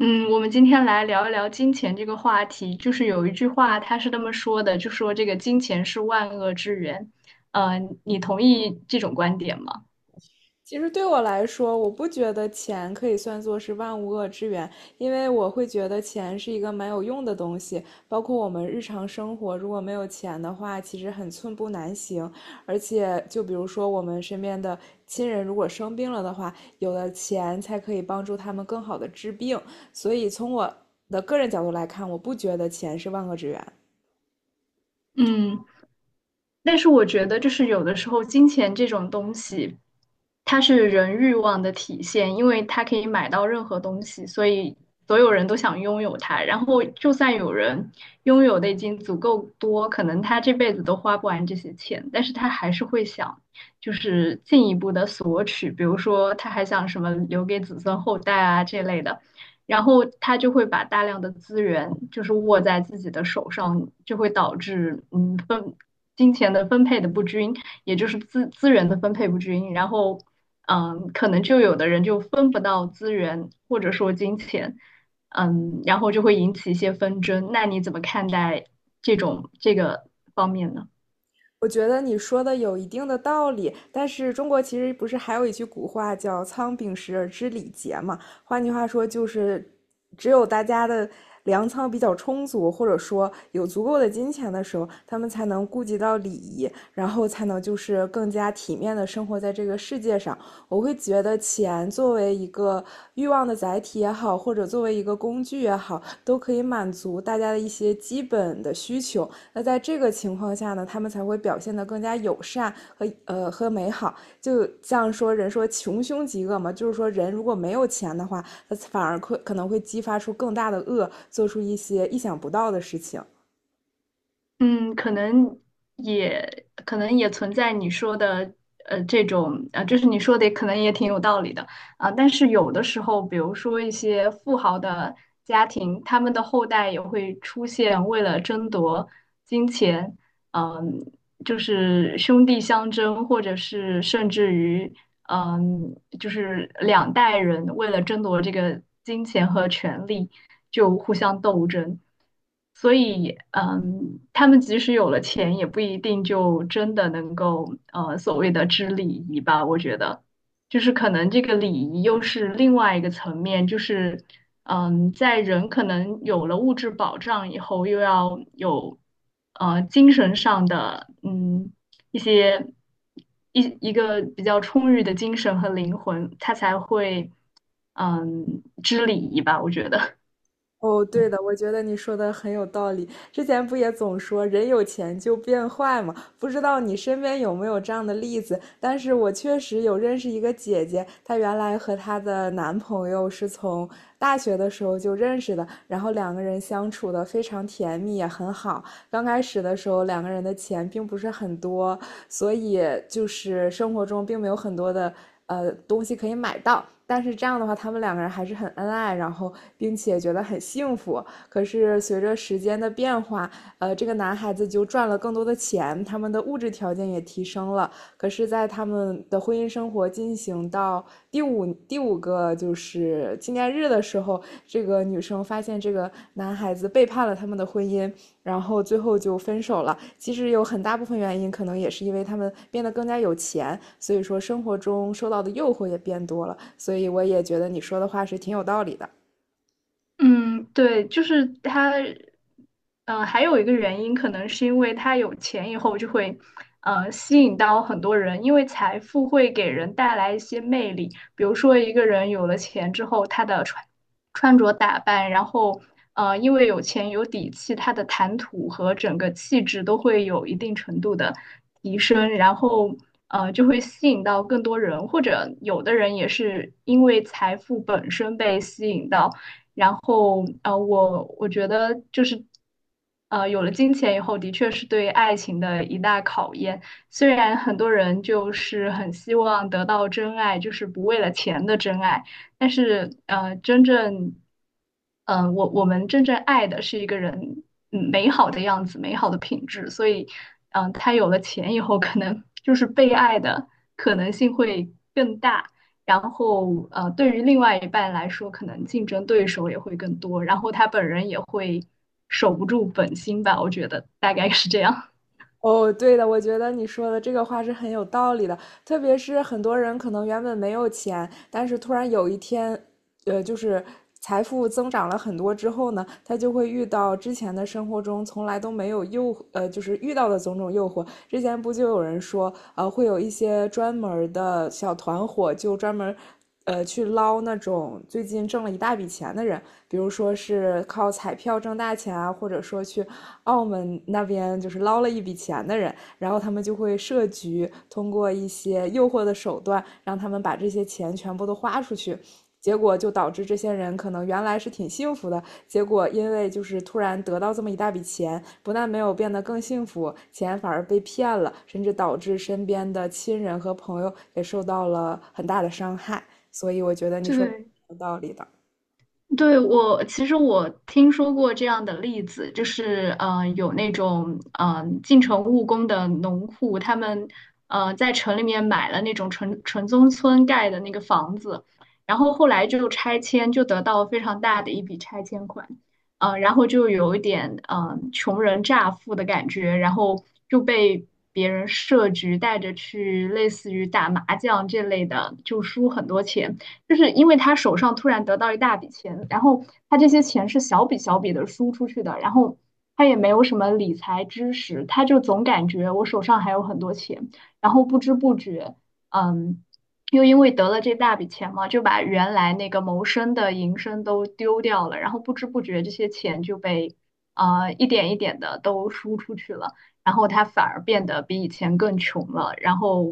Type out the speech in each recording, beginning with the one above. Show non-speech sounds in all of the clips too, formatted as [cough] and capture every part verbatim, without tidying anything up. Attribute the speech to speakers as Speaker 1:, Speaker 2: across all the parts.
Speaker 1: 嗯，我们今天来聊一聊金钱这个话题。就是有一句话，他是这么说的，就说这个金钱是万恶之源。呃，你同意这种观点吗？
Speaker 2: 其实对我来说，我不觉得钱可以算作是万物恶之源，因为我会觉得钱是一个蛮有用的东西。包括我们日常生活，如果没有钱的话，其实很寸步难行。而且，就比如说我们身边的亲人如果生病了的话，有了钱才可以帮助他们更好的治病。所以，从我的个人角度来看，我不觉得钱是万恶之源。
Speaker 1: 嗯。但是我觉得，就是有的时候金钱这种东西，它是人欲望的体现，因为它可以买到任何东西，所以所有人都想拥有它。然后，就算有人拥有的已经足够多，可能他这辈子都花不完这些钱，但是他还是会想，就是进一步的索取，比如说他还想什么留给子孙后代啊这类的。然后他就会把大量的资源就是握在自己的手上，就会导致嗯分金钱的分配的不均，也就是资资源的分配不均，然后，嗯，可能就有的人就分不到资源或者说金钱，嗯，然后就会引起一些纷争。那你怎么看待这种这个方面呢？
Speaker 2: 我觉得你说的有一定的道理，但是中国其实不是还有一句古话叫“仓廪实而知礼节”嘛？换句话说，就是只有大家的粮仓比较充足，或者说有足够的金钱的时候，他们才能顾及到礼仪，然后才能就是更加体面的生活在这个世界上。我会觉得钱作为一个欲望的载体也好，或者作为一个工具也好，都可以满足大家的一些基本的需求。那在这个情况下呢，他们才会表现得更加友善和呃和美好。就像说人说穷凶极恶嘛，就是说人如果没有钱的话，他反而可可能会激发出更大的恶，做出一些意想不到的事情。
Speaker 1: 嗯，可能也可能也存在你说的呃这种呃，就是你说的可能也挺有道理的啊，但是有的时候，比如说一些富豪的家庭，他们的后代也会出现为了争夺金钱，嗯，就是兄弟相争，或者是甚至于嗯，就是两代人为了争夺这个金钱和权力，就互相斗争。所以，嗯，他们即使有了钱，也不一定就真的能够，呃，所谓的知礼仪吧。我觉得，就是可能这个礼仪又是另外一个层面，就是，嗯，在人可能有了物质保障以后，又要有，呃，精神上的，嗯。一些一一个比较充裕的精神和灵魂，他才会嗯知礼仪吧，我觉得。
Speaker 2: 哦，对的，我觉得你说的很有道理。之前不也总说人有钱就变坏嘛？不知道你身边有没有这样的例子？但是我确实有认识一个姐姐，她原来和她的男朋友是从大学的时候就认识的，然后两个人相处的非常甜蜜，也很好。刚开始的时候，两个人的钱并不是很多，所以就是生活中并没有很多的呃东西可以买到。但是这样的话，他们两个人还是很恩爱，然后并且觉得很幸福。可是随着时间的变化，呃，这个男孩子就赚了更多的钱，他们的物质条件也提升了，可是，在他们的婚姻生活进行到第五第五个就是纪念日的时候，这个女生发现这个男孩子背叛了他们的婚姻，然后最后就分手了。其实有很大部分原因，可能也是因为他们变得更加有钱，所以说生活中受到的诱惑也变多了。所以我也觉得你说的话是挺有道理的。
Speaker 1: 嗯，对，就是他，嗯，还有一个原因，可能是因为他有钱以后就会，呃，吸引到很多人，因为财富会给人带来一些魅力。比如说，一个人有了钱之后，他的穿穿着打扮，然后，呃，因为有钱有底气，他的谈吐和整个气质都会有一定程度的提升，然后。呃，就会吸引到更多人，或者有的人也是因为财富本身被吸引到，然后呃，我我觉得就是呃，有了金钱以后，的确是对爱情的一大考验。虽然很多人就是很希望得到真爱，就是不为了钱的真爱，但是呃，真正嗯、呃我我们真正爱的是一个人嗯美好的样子，美好的品质。所以嗯、呃他有了钱以后，可能就是被爱的可能性会更大。然后呃，对于另外一半来说，可能竞争对手也会更多，然后他本人也会守不住本心吧，我觉得大概是这样。
Speaker 2: 哦，对的，我觉得你说的这个话是很有道理的，特别是很多人可能原本没有钱，但是突然有一天，呃，就是财富增长了很多之后呢，他就会遇到之前的生活中从来都没有诱，呃，就是遇到的种种诱惑。之前不就有人说，呃，会有一些专门儿的小团伙，就专门。呃，去捞那种最近挣了一大笔钱的人，比如说是靠彩票挣大钱啊，或者说去澳门那边就是捞了一笔钱的人，然后他们就会设局，通过一些诱惑的手段，让他们把这些钱全部都花出去。结果就导致这些人可能原来是挺幸福的，结果因为就是突然得到这么一大笔钱，不但没有变得更幸福，钱反而被骗了，甚至导致身边的亲人和朋友也受到了很大的伤害。所以我觉得
Speaker 1: [laughs]
Speaker 2: 你说的
Speaker 1: 对，
Speaker 2: 有道理的。
Speaker 1: 对，我其实我听说过这样的例子，就是呃有那种呃进城务工的农户，他们呃在城里面买了那种城城中村盖的那个房子，然后后来就拆迁，就得到非常大的一笔拆迁款，呃，然后就有一点呃穷人乍富的感觉，然后就被别人设局带着去类似于打麻将这类的，就输很多钱。就是因为他手上突然得到一大笔钱，然后他这些钱是小笔小笔的输出去的，然后他也没有什么理财知识，他就总感觉我手上还有很多钱，然后不知不觉，嗯，又因为得了这大笔钱嘛，就把原来那个谋生的营生都丢掉了，然后不知不觉这些钱就被呃一点一点的都输出去了。然后他反而变得比以前更穷了，然后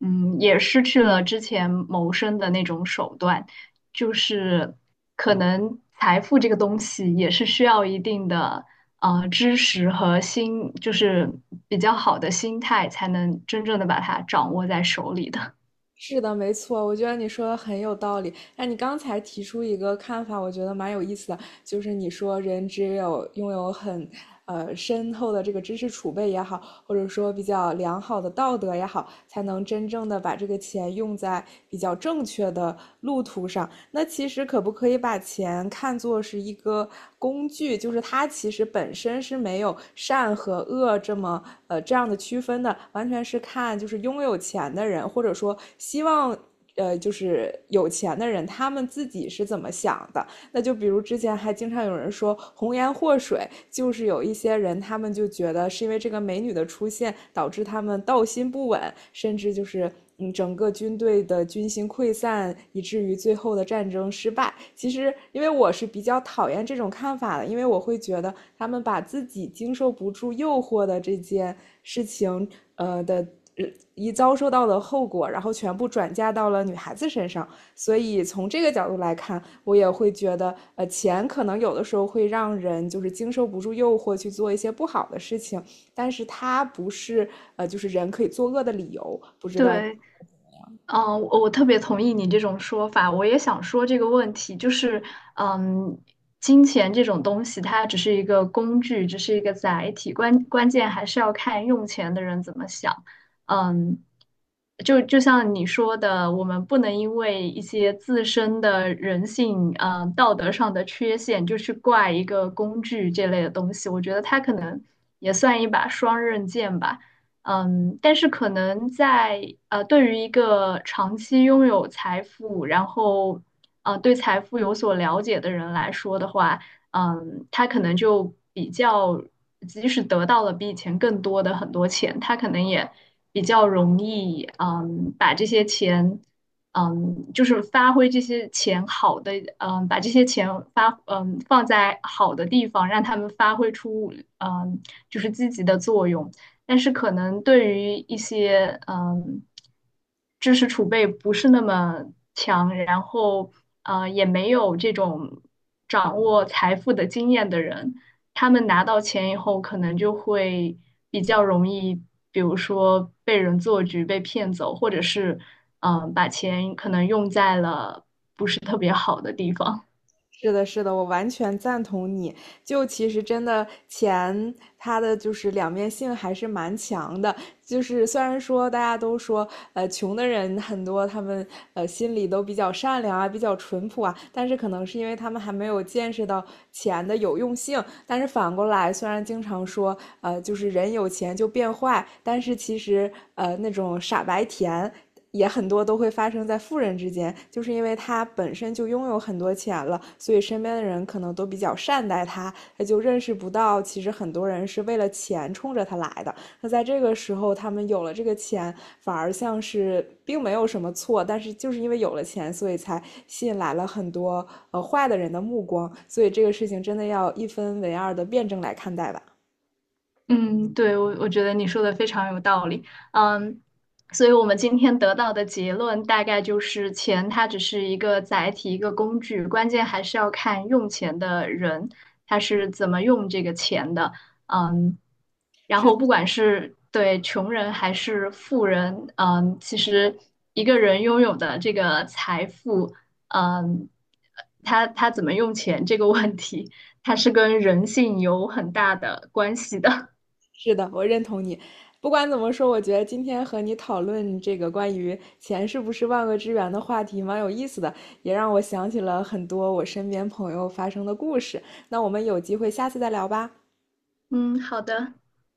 Speaker 1: 嗯，也失去了之前谋生的那种手段，就是可能财富这个东西也是需要一定的呃知识和心，就是比较好的心态才能真正的把它掌握在手里的。
Speaker 2: 是的，没错，我觉得你说的很有道理。那你刚才提出一个看法，我觉得蛮有意思的，就是你说人只有拥有很呃深厚的这个知识储备也好，或者说比较良好的道德也好，才能真正的把这个钱用在比较正确的路途上。那其实可不可以把钱看作是一个工具？就是它其实本身是没有善和恶这么呃这样的区分的，完全是看就是拥有钱的人，或者说希望呃就是有钱的人，他们自己是怎么想的。那就比如之前还经常有人说红颜祸水，就是有一些人他们就觉得是因为这个美女的出现导致他们道心不稳，甚至就是嗯整个军队的军心溃散，以至于最后的战争失败。其实因为我是比较讨厌这种看法的，因为我会觉得他们把自己经受不住诱惑的这件事情，呃的。呃一遭受到的后果，然后全部转嫁到了女孩子身上，所以从这个角度来看，我也会觉得，呃，钱可能有的时候会让人就是经受不住诱惑去做一些不好的事情，但是它不是呃，就是人可以作恶的理由。不
Speaker 1: [laughs]
Speaker 2: 知道
Speaker 1: 对，嗯，我我特别同意你这种说法，我也想说这个问题，就是，嗯，金钱这种东西，它只是一个工具，只是一个载体，关关键还是要看用钱的人怎么想。嗯，就就像你说的，我们不能因为一些自身的人性、呃道德上的缺陷，就去怪一个工具这类的东西。我觉得它可能也算一把双刃剑吧。嗯，但是可能在呃，对于一个长期拥有财富，然后呃，对财富有所了解的人来说的话，嗯，他可能就比较，即使得到了比以前更多的很多钱，他可能也比较容易，嗯，把这些钱，嗯，就是发挥这些钱好的，嗯，把这些钱发，嗯，放在好的地方，让他们发挥出，嗯，就是积极的作用。但是可能对于一些嗯知识储备不是那么强，然后呃也没有这种掌握财富的经验的人，他们拿到钱以后，可能就会比较容易，比如说被人做局、被骗走，或者是嗯把钱可能用在了不是特别好的地方。
Speaker 2: 是的，是的，我完全赞同你。就其实真的钱，它的就是两面性还是蛮强的。就是虽然说大家都说，呃，穷的人很多，他们呃心里都比较善良啊，比较淳朴啊，但是可能是因为他们还没有见识到钱的有用性。但是反过来，虽然经常说，呃，就是人有钱就变坏，但是其实呃那种傻白甜。也很多都会发生在富人之间，就是因为他本身就拥有很多钱了，所以身边的人可能都比较善待他，他就认识不到，其实很多人是为了钱冲着他来的。那在这个时候，他们有了这个钱，反而像是并没有什么错，但是就是因为有了钱，所以才吸引来了很多呃坏的人的目光。所以这个事情真的要一分为二的辩证来看待吧。
Speaker 1: 嗯，对，我我觉得你说的非常有道理。嗯，所以我们今天得到的结论大概就是钱它只是一个载体，一个工具，关键还是要看用钱的人他是怎么用这个钱的。嗯，然
Speaker 2: 是
Speaker 1: 后
Speaker 2: 的
Speaker 1: 不管是对穷人还是富人，嗯，其实一个人拥有的这个财富，嗯，他他怎么用钱这个问题，它是跟人性有很大的关系的。
Speaker 2: 是的，我认同你。不管怎么说，我觉得今天和你讨论这个关于钱是不是万恶之源的话题蛮有意思的，也让我想起了很多我身边朋友发生的故事。那我们有机会下次再聊吧。
Speaker 1: 嗯，好的，